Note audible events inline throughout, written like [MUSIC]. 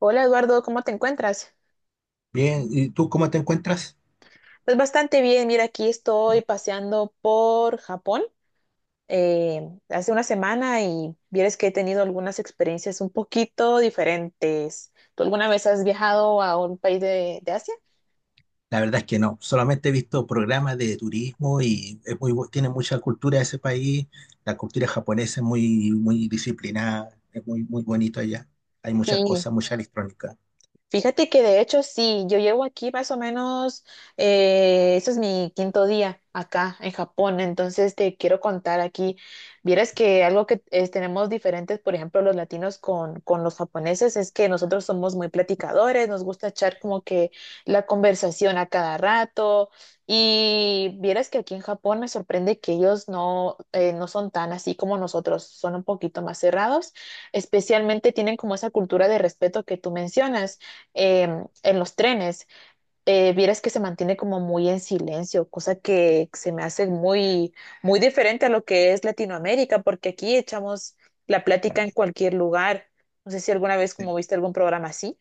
Hola Eduardo, ¿cómo te encuentras? Bien, ¿y tú cómo te encuentras? Pues bastante bien, mira, aquí estoy paseando por Japón eh, hace una semana y vieres que he tenido algunas experiencias un poquito diferentes. ¿Tú alguna vez has viajado a un país de Asia? La verdad es que no, solamente he visto programas de turismo y es muy, tiene mucha cultura ese país. La cultura japonesa es muy, muy disciplinada, es muy, muy bonito allá. Hay muchas Sí. cosas, mucha electrónica. Fíjate que de hecho sí, yo llevo aquí más o menos, ese es mi quinto día acá en Japón, entonces te quiero contar aquí, vieras que algo que tenemos diferentes, por ejemplo, los latinos con los japoneses, es que nosotros somos muy platicadores, nos gusta echar como que la conversación a cada rato y vieras que aquí en Japón me sorprende que ellos no, no son tan así como nosotros, son un poquito más cerrados, especialmente tienen como esa cultura de respeto que tú mencionas eh, en los trenes, vieras que se mantiene como muy en silencio, cosa que se me hace muy, muy diferente a lo que es Latinoamérica, porque aquí echamos la plática en cualquier lugar. No sé si alguna vez Sí. como viste algún programa así.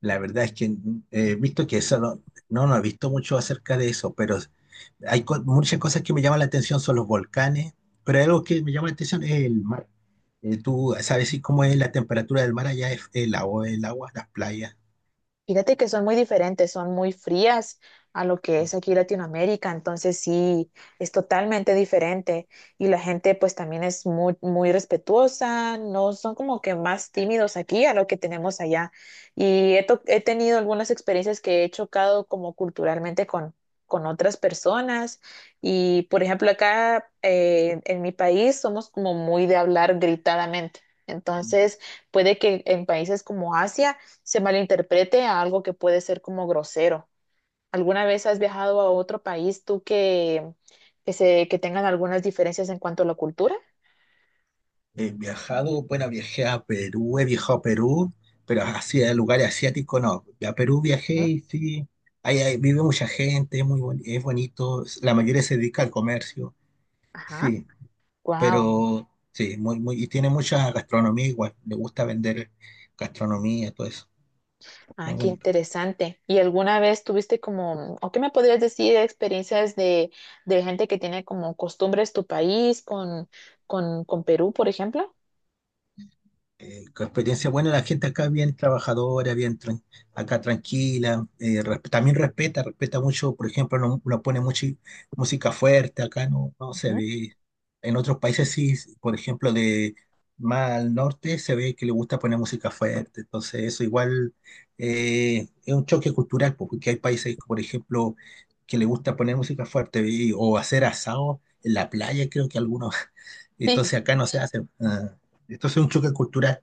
La verdad es que he visto que eso no, no, no he visto mucho acerca de eso, pero hay muchas cosas que me llaman la atención, son los volcanes, pero hay algo que me llama la atención es el mar. ¿Tú sabes si cómo es la temperatura del mar allá? ¿Es el agua, las playas? Fíjate que son muy diferentes, son muy frías a lo que es aquí Latinoamérica, entonces sí, es totalmente diferente y la gente pues también es muy, muy respetuosa, no son como que más tímidos aquí a lo que tenemos allá. Y he tenido algunas experiencias que he chocado como culturalmente con otras personas y por ejemplo acá en mi país somos como muy de hablar gritadamente, entonces puede que en países como Asia se malinterprete a algo que puede ser como grosero. ¿Alguna vez has viajado a otro país tú que, que tengan algunas diferencias en cuanto a la cultura? He viajado, bueno, viajé a Perú, he viajado a Perú, pero así a lugares asiáticos no. A Perú viajé ¿Mm? y sí, ahí vive mucha gente, es muy boni- es bonito, la mayoría se dedica al comercio, Ajá. sí, Wow. pero sí, muy, muy, y tiene mucha gastronomía igual, le gusta vender gastronomía, todo eso, muy Ah, qué bonito. interesante. ¿Y alguna vez tuviste como, o qué me podrías decir, experiencias de gente que tiene como costumbres tu país con, con Perú, por ejemplo? Con experiencia buena, la gente acá es bien trabajadora, acá tranquila, también respeta mucho, por ejemplo, no pone mucha música fuerte, acá no se Ujú. ve. En otros países sí, por ejemplo, de más al norte se ve que le gusta poner música fuerte, entonces eso igual es un choque cultural, po, porque hay países, por ejemplo, que le gusta poner música fuerte o hacer asado en la playa, creo que algunos, [LAUGHS] Sí. entonces acá no se hace. Ah, entonces es un choque cultural.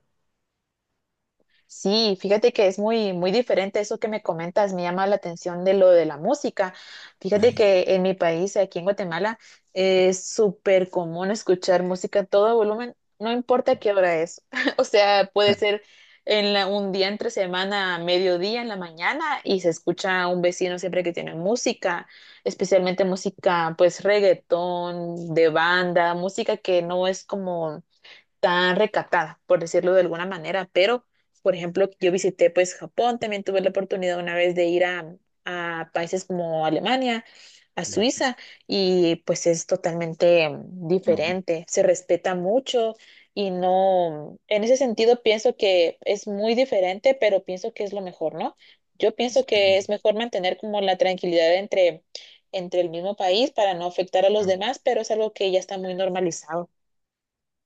Sí, fíjate que es muy, muy diferente eso que me comentas, me llama la atención de lo de la música. Fíjate que en mi país, aquí en Guatemala, es súper común escuchar música a todo volumen, no importa qué hora es. [LAUGHS] O sea, puede ser en un día entre semana, a mediodía, en la mañana, y se escucha a un vecino siempre que tiene música, especialmente música, pues reggaetón, de banda, música que no es como tan recatada, por decirlo de alguna manera, pero, por ejemplo, yo visité pues Japón, también tuve la oportunidad una vez de ir a países como Alemania, a Le- Suiza, y pues es totalmente no, diferente, se respeta mucho y no, en ese sentido pienso que es muy diferente, pero pienso que es lo mejor, ¿no? Yo pienso que es eh, mejor mantener como la tranquilidad entre, entre el mismo país para no afectar a los no. demás, pero es algo que ya está muy normalizado.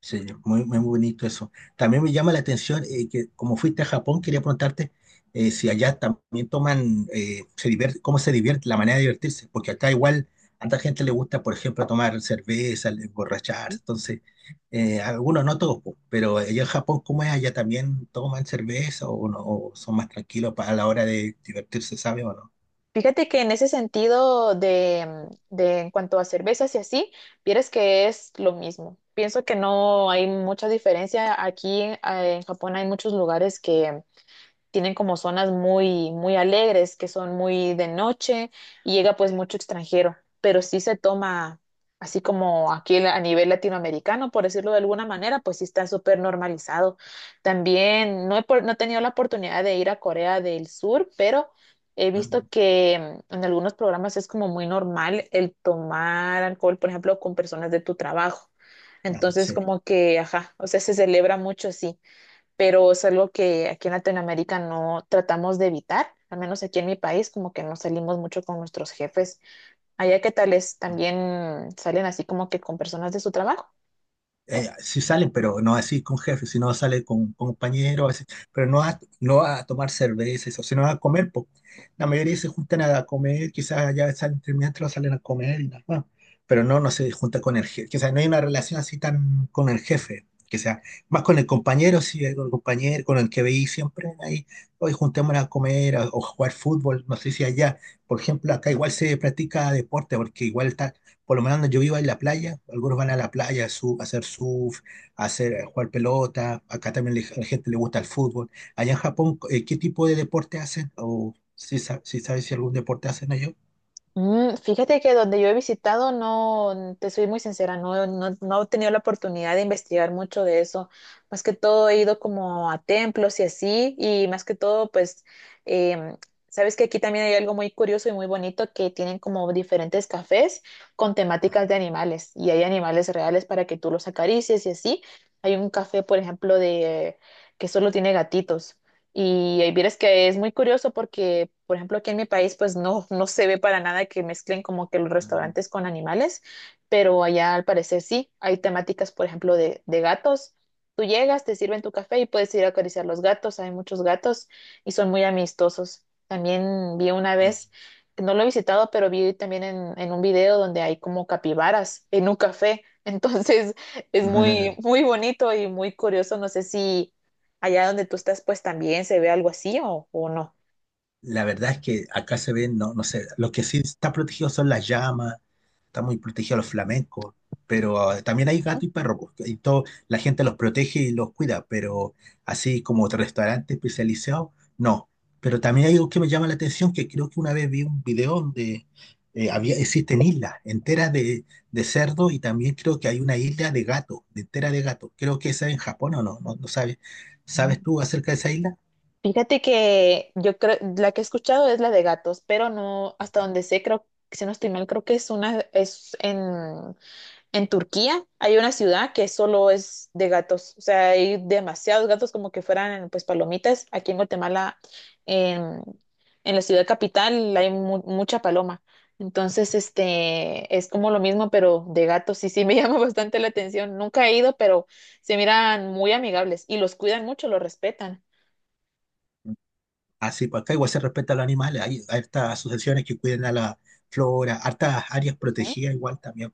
Sí, muy, muy bonito eso. También me llama la atención que como fuiste a Japón, quería preguntarte si allá también toman, se divierte, cómo se divierte, la manera de divertirse, porque acá igual a tanta gente le gusta, por ejemplo, tomar cerveza, emborracharse, entonces, algunos no todos, po, pero allá en Japón, ¿cómo es? ¿Allá también toman cerveza o, no, o son más tranquilos a la hora de divertirse, sabe o no? Fíjate que en ese sentido de en cuanto a cervezas y así, vieras que es lo mismo. Pienso que no hay mucha diferencia. Aquí en Japón hay muchos lugares que tienen como zonas muy, muy alegres, que son muy de noche, y llega pues mucho extranjero, pero sí se toma, así como aquí a nivel latinoamericano, por decirlo de alguna manera, pues sí está súper normalizado. También no he tenido la oportunidad de ir a Corea del Sur, pero he visto Ah, que en algunos programas es como muy normal el tomar alcohol, por ejemplo, con personas de tu trabajo. ah, Entonces, sí. como que, ajá, o sea, se celebra mucho así pero es algo que aquí en Latinoamérica no tratamos de evitar, al menos aquí en mi país, como que no salimos mucho con nuestros jefes. Allá, ¿qué tal es? ¿También salen así como que con personas de su trabajo? Sí salen, pero no así con jefes, sino sale con compañeros, así, pero no a tomar cerveza, eso, sino a comer. Po. La mayoría se juntan a comer, quizás ya salen terminando, salen a comer y nada más, pero no, no se junta con el jefe, o sea, no hay una relación así tan con el jefe, que sea más con el compañero, sí, con el compañero, con el que veí siempre ahí, hoy juntémonos a comer o jugar fútbol, no sé si allá, por ejemplo, acá igual se practica deporte, porque igual está por lo menos yo vivo en la playa, algunos van a la playa a hacer surf, a jugar pelota, acá también a la gente le gusta el fútbol. Allá en Japón, ¿qué tipo de deporte hacen? ¿O si sabes si algún deporte hacen ellos? Fíjate que donde yo he visitado, no, te soy muy sincera, no, no he tenido la oportunidad de investigar mucho de eso. Más que todo he ido como a templos y así, y más que todo, pues, em, sabes que aquí también hay algo muy curioso y muy bonito que tienen como diferentes cafés con temáticas de animales, y hay animales reales para que tú los acaricies y así. Hay un café, por ejemplo, de que solo tiene gatitos. Y ahí vieras que es muy curioso porque, por ejemplo, aquí en mi país, pues no, no se ve para nada que mezclen como que los Mm, restaurantes con animales, pero allá al parecer sí, hay temáticas, por ejemplo, de gatos. Tú llegas, te sirven tu café y puedes ir a acariciar los gatos, hay muchos gatos y son muy amistosos. También vi una vez, no lo he visitado, pero vi también en un video donde hay como capibaras en un café. [LAUGHS] Entonces es mm. muy, [LAUGHS] muy bonito y muy curioso. No sé si allá donde tú estás, pues también se ve algo así o no. La verdad es que acá se ven, no, no sé, lo que sí está protegido son las llamas, está muy protegido los flamencos, pero también hay gato y perro, pues, y todo, la gente los protege y los cuida, pero así como otro restaurante especializado, no. Pero también hay algo que me llama la atención, que creo que una vez vi un video donde había, existen islas enteras de cerdo y también creo que hay una isla de gato, de entera de gato. Creo que esa es en Japón o no, no, no sabes. ¿Sabes Mm. tú acerca de esa isla? Fíjate que yo creo, la que he escuchado es la de gatos, pero no, hasta donde sé, creo, si no estoy mal, creo que es una, es en Turquía hay una ciudad que solo es de gatos, o sea, hay demasiados gatos como que fueran pues palomitas. Aquí en Guatemala, en, en la ciudad capital, hay mucha paloma. Entonces, este, es como lo mismo, pero de gatos. Y sí me [LAUGHS] llama bastante la atención. Nunca he ido, pero se miran muy amigables y los cuidan mucho, los respetan. Así, pues acá igual se respeta a los animales, hay estas asociaciones que cuidan a la flora, hartas áreas protegidas igual también,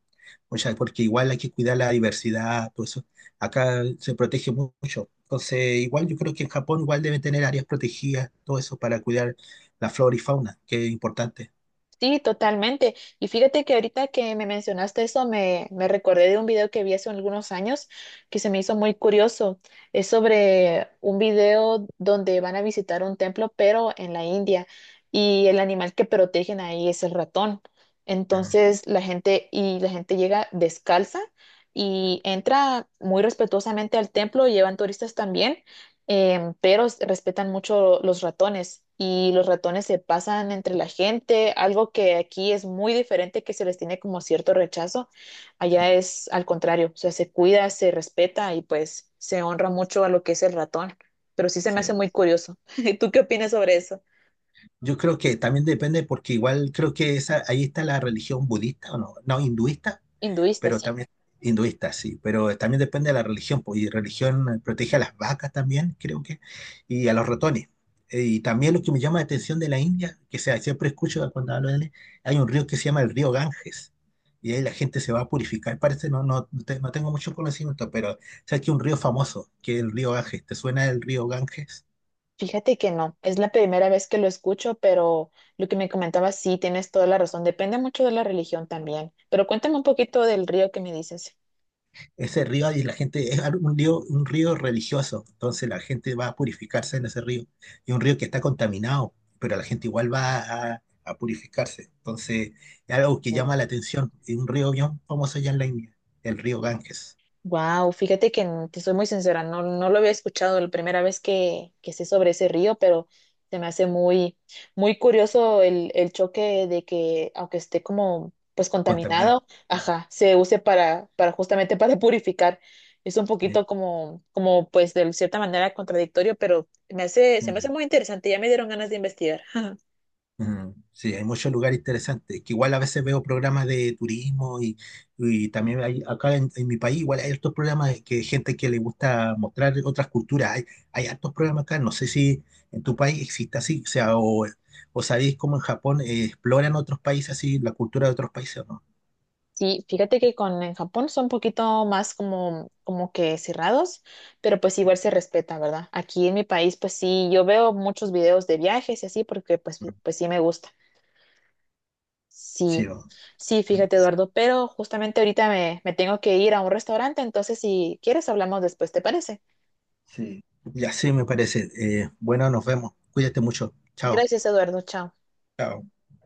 o sea, porque igual hay que cuidar la diversidad, todo eso. Acá se protege mucho. Entonces, igual yo creo que en Japón igual deben tener áreas protegidas, todo eso para cuidar la flora y fauna, que es importante. Sí, totalmente. Y fíjate que ahorita que me mencionaste eso, me recordé de un video que vi hace algunos años que se me hizo muy curioso. Es sobre un video donde van a visitar un templo, pero en la India, y el animal que protegen ahí es el ratón. Ah, Entonces la gente, y la gente llega descalza y entra muy respetuosamente al templo, llevan turistas también pero respetan mucho los ratones y los ratones se pasan entre la gente, algo que aquí es muy diferente, que se les tiene como cierto rechazo, allá es al contrario, o sea, se cuida, se respeta y pues se honra mucho a lo que es el ratón, pero sí se me sí. hace muy curioso. [LAUGHS] ¿Tú qué opinas sobre eso? Yo creo que también depende porque igual creo que esa, ahí está la religión budista o no, no, hinduista. Hinduista, Pero sí. también hinduista, sí, pero también depende de la religión, pues, y religión protege a las vacas también, creo que, y a los ratones. Y también lo que me llama la atención de la India, que sea, siempre escucho cuando hablo de él, hay un río que se llama el río Ganges, y ahí la gente se va a purificar, parece, no, no, no tengo mucho conocimiento, pero sabes que un río famoso, que es el río Ganges, ¿te suena el río Ganges? Fíjate que no, es la primera vez que lo escucho, pero lo que me comentabas, sí, tienes toda la razón, depende mucho de la religión también. Pero cuéntame un poquito del río que me dices. Ese río y la gente es un río, religioso, entonces la gente va a purificarse en ese río. Y un río que está contaminado, pero la gente igual va a purificarse. Entonces es algo que llama la atención. Y un río bien famoso allá en la India, el río Ganges, Wow, fíjate que te soy muy sincera, no, no lo había escuchado la primera vez que sé sobre ese río, pero se me hace muy, muy curioso el choque de que, aunque esté como pues contaminado. contaminado, ajá, se use para justamente [LAUGHS] para purificar. Es un Mm, poquito como, como pues de cierta manera contradictorio, pero me hace, se me hace mm. muy interesante, ya me dieron ganas de investigar. [LAUGHS] Mm, sí, hay muchos lugares interesantes, que igual a veces veo programas de turismo y también hay, acá en mi país igual hay estos programas de que gente que le gusta mostrar otras culturas, hay hartos programas acá, no sé si en tu país existe así, o sea, o sabéis cómo en Japón exploran otros países así, la cultura de otros países o no. Sí, fíjate que con en Japón son un poquito más como, como que cerrados, pero pues igual se respeta, ¿verdad? Aquí en mi país, pues sí, yo veo muchos videos de viajes y así, porque pues, Mm, pues sí me gusta. sí, Sí, sí, fíjate, Eduardo, pero justamente ahorita me, me tengo que ir a un restaurante, entonces si quieres hablamos después, ¿te parece? sí, ya sí me parece. Bueno, nos vemos, cuídate mucho, chao. Gracias, Eduardo, chao. Chao.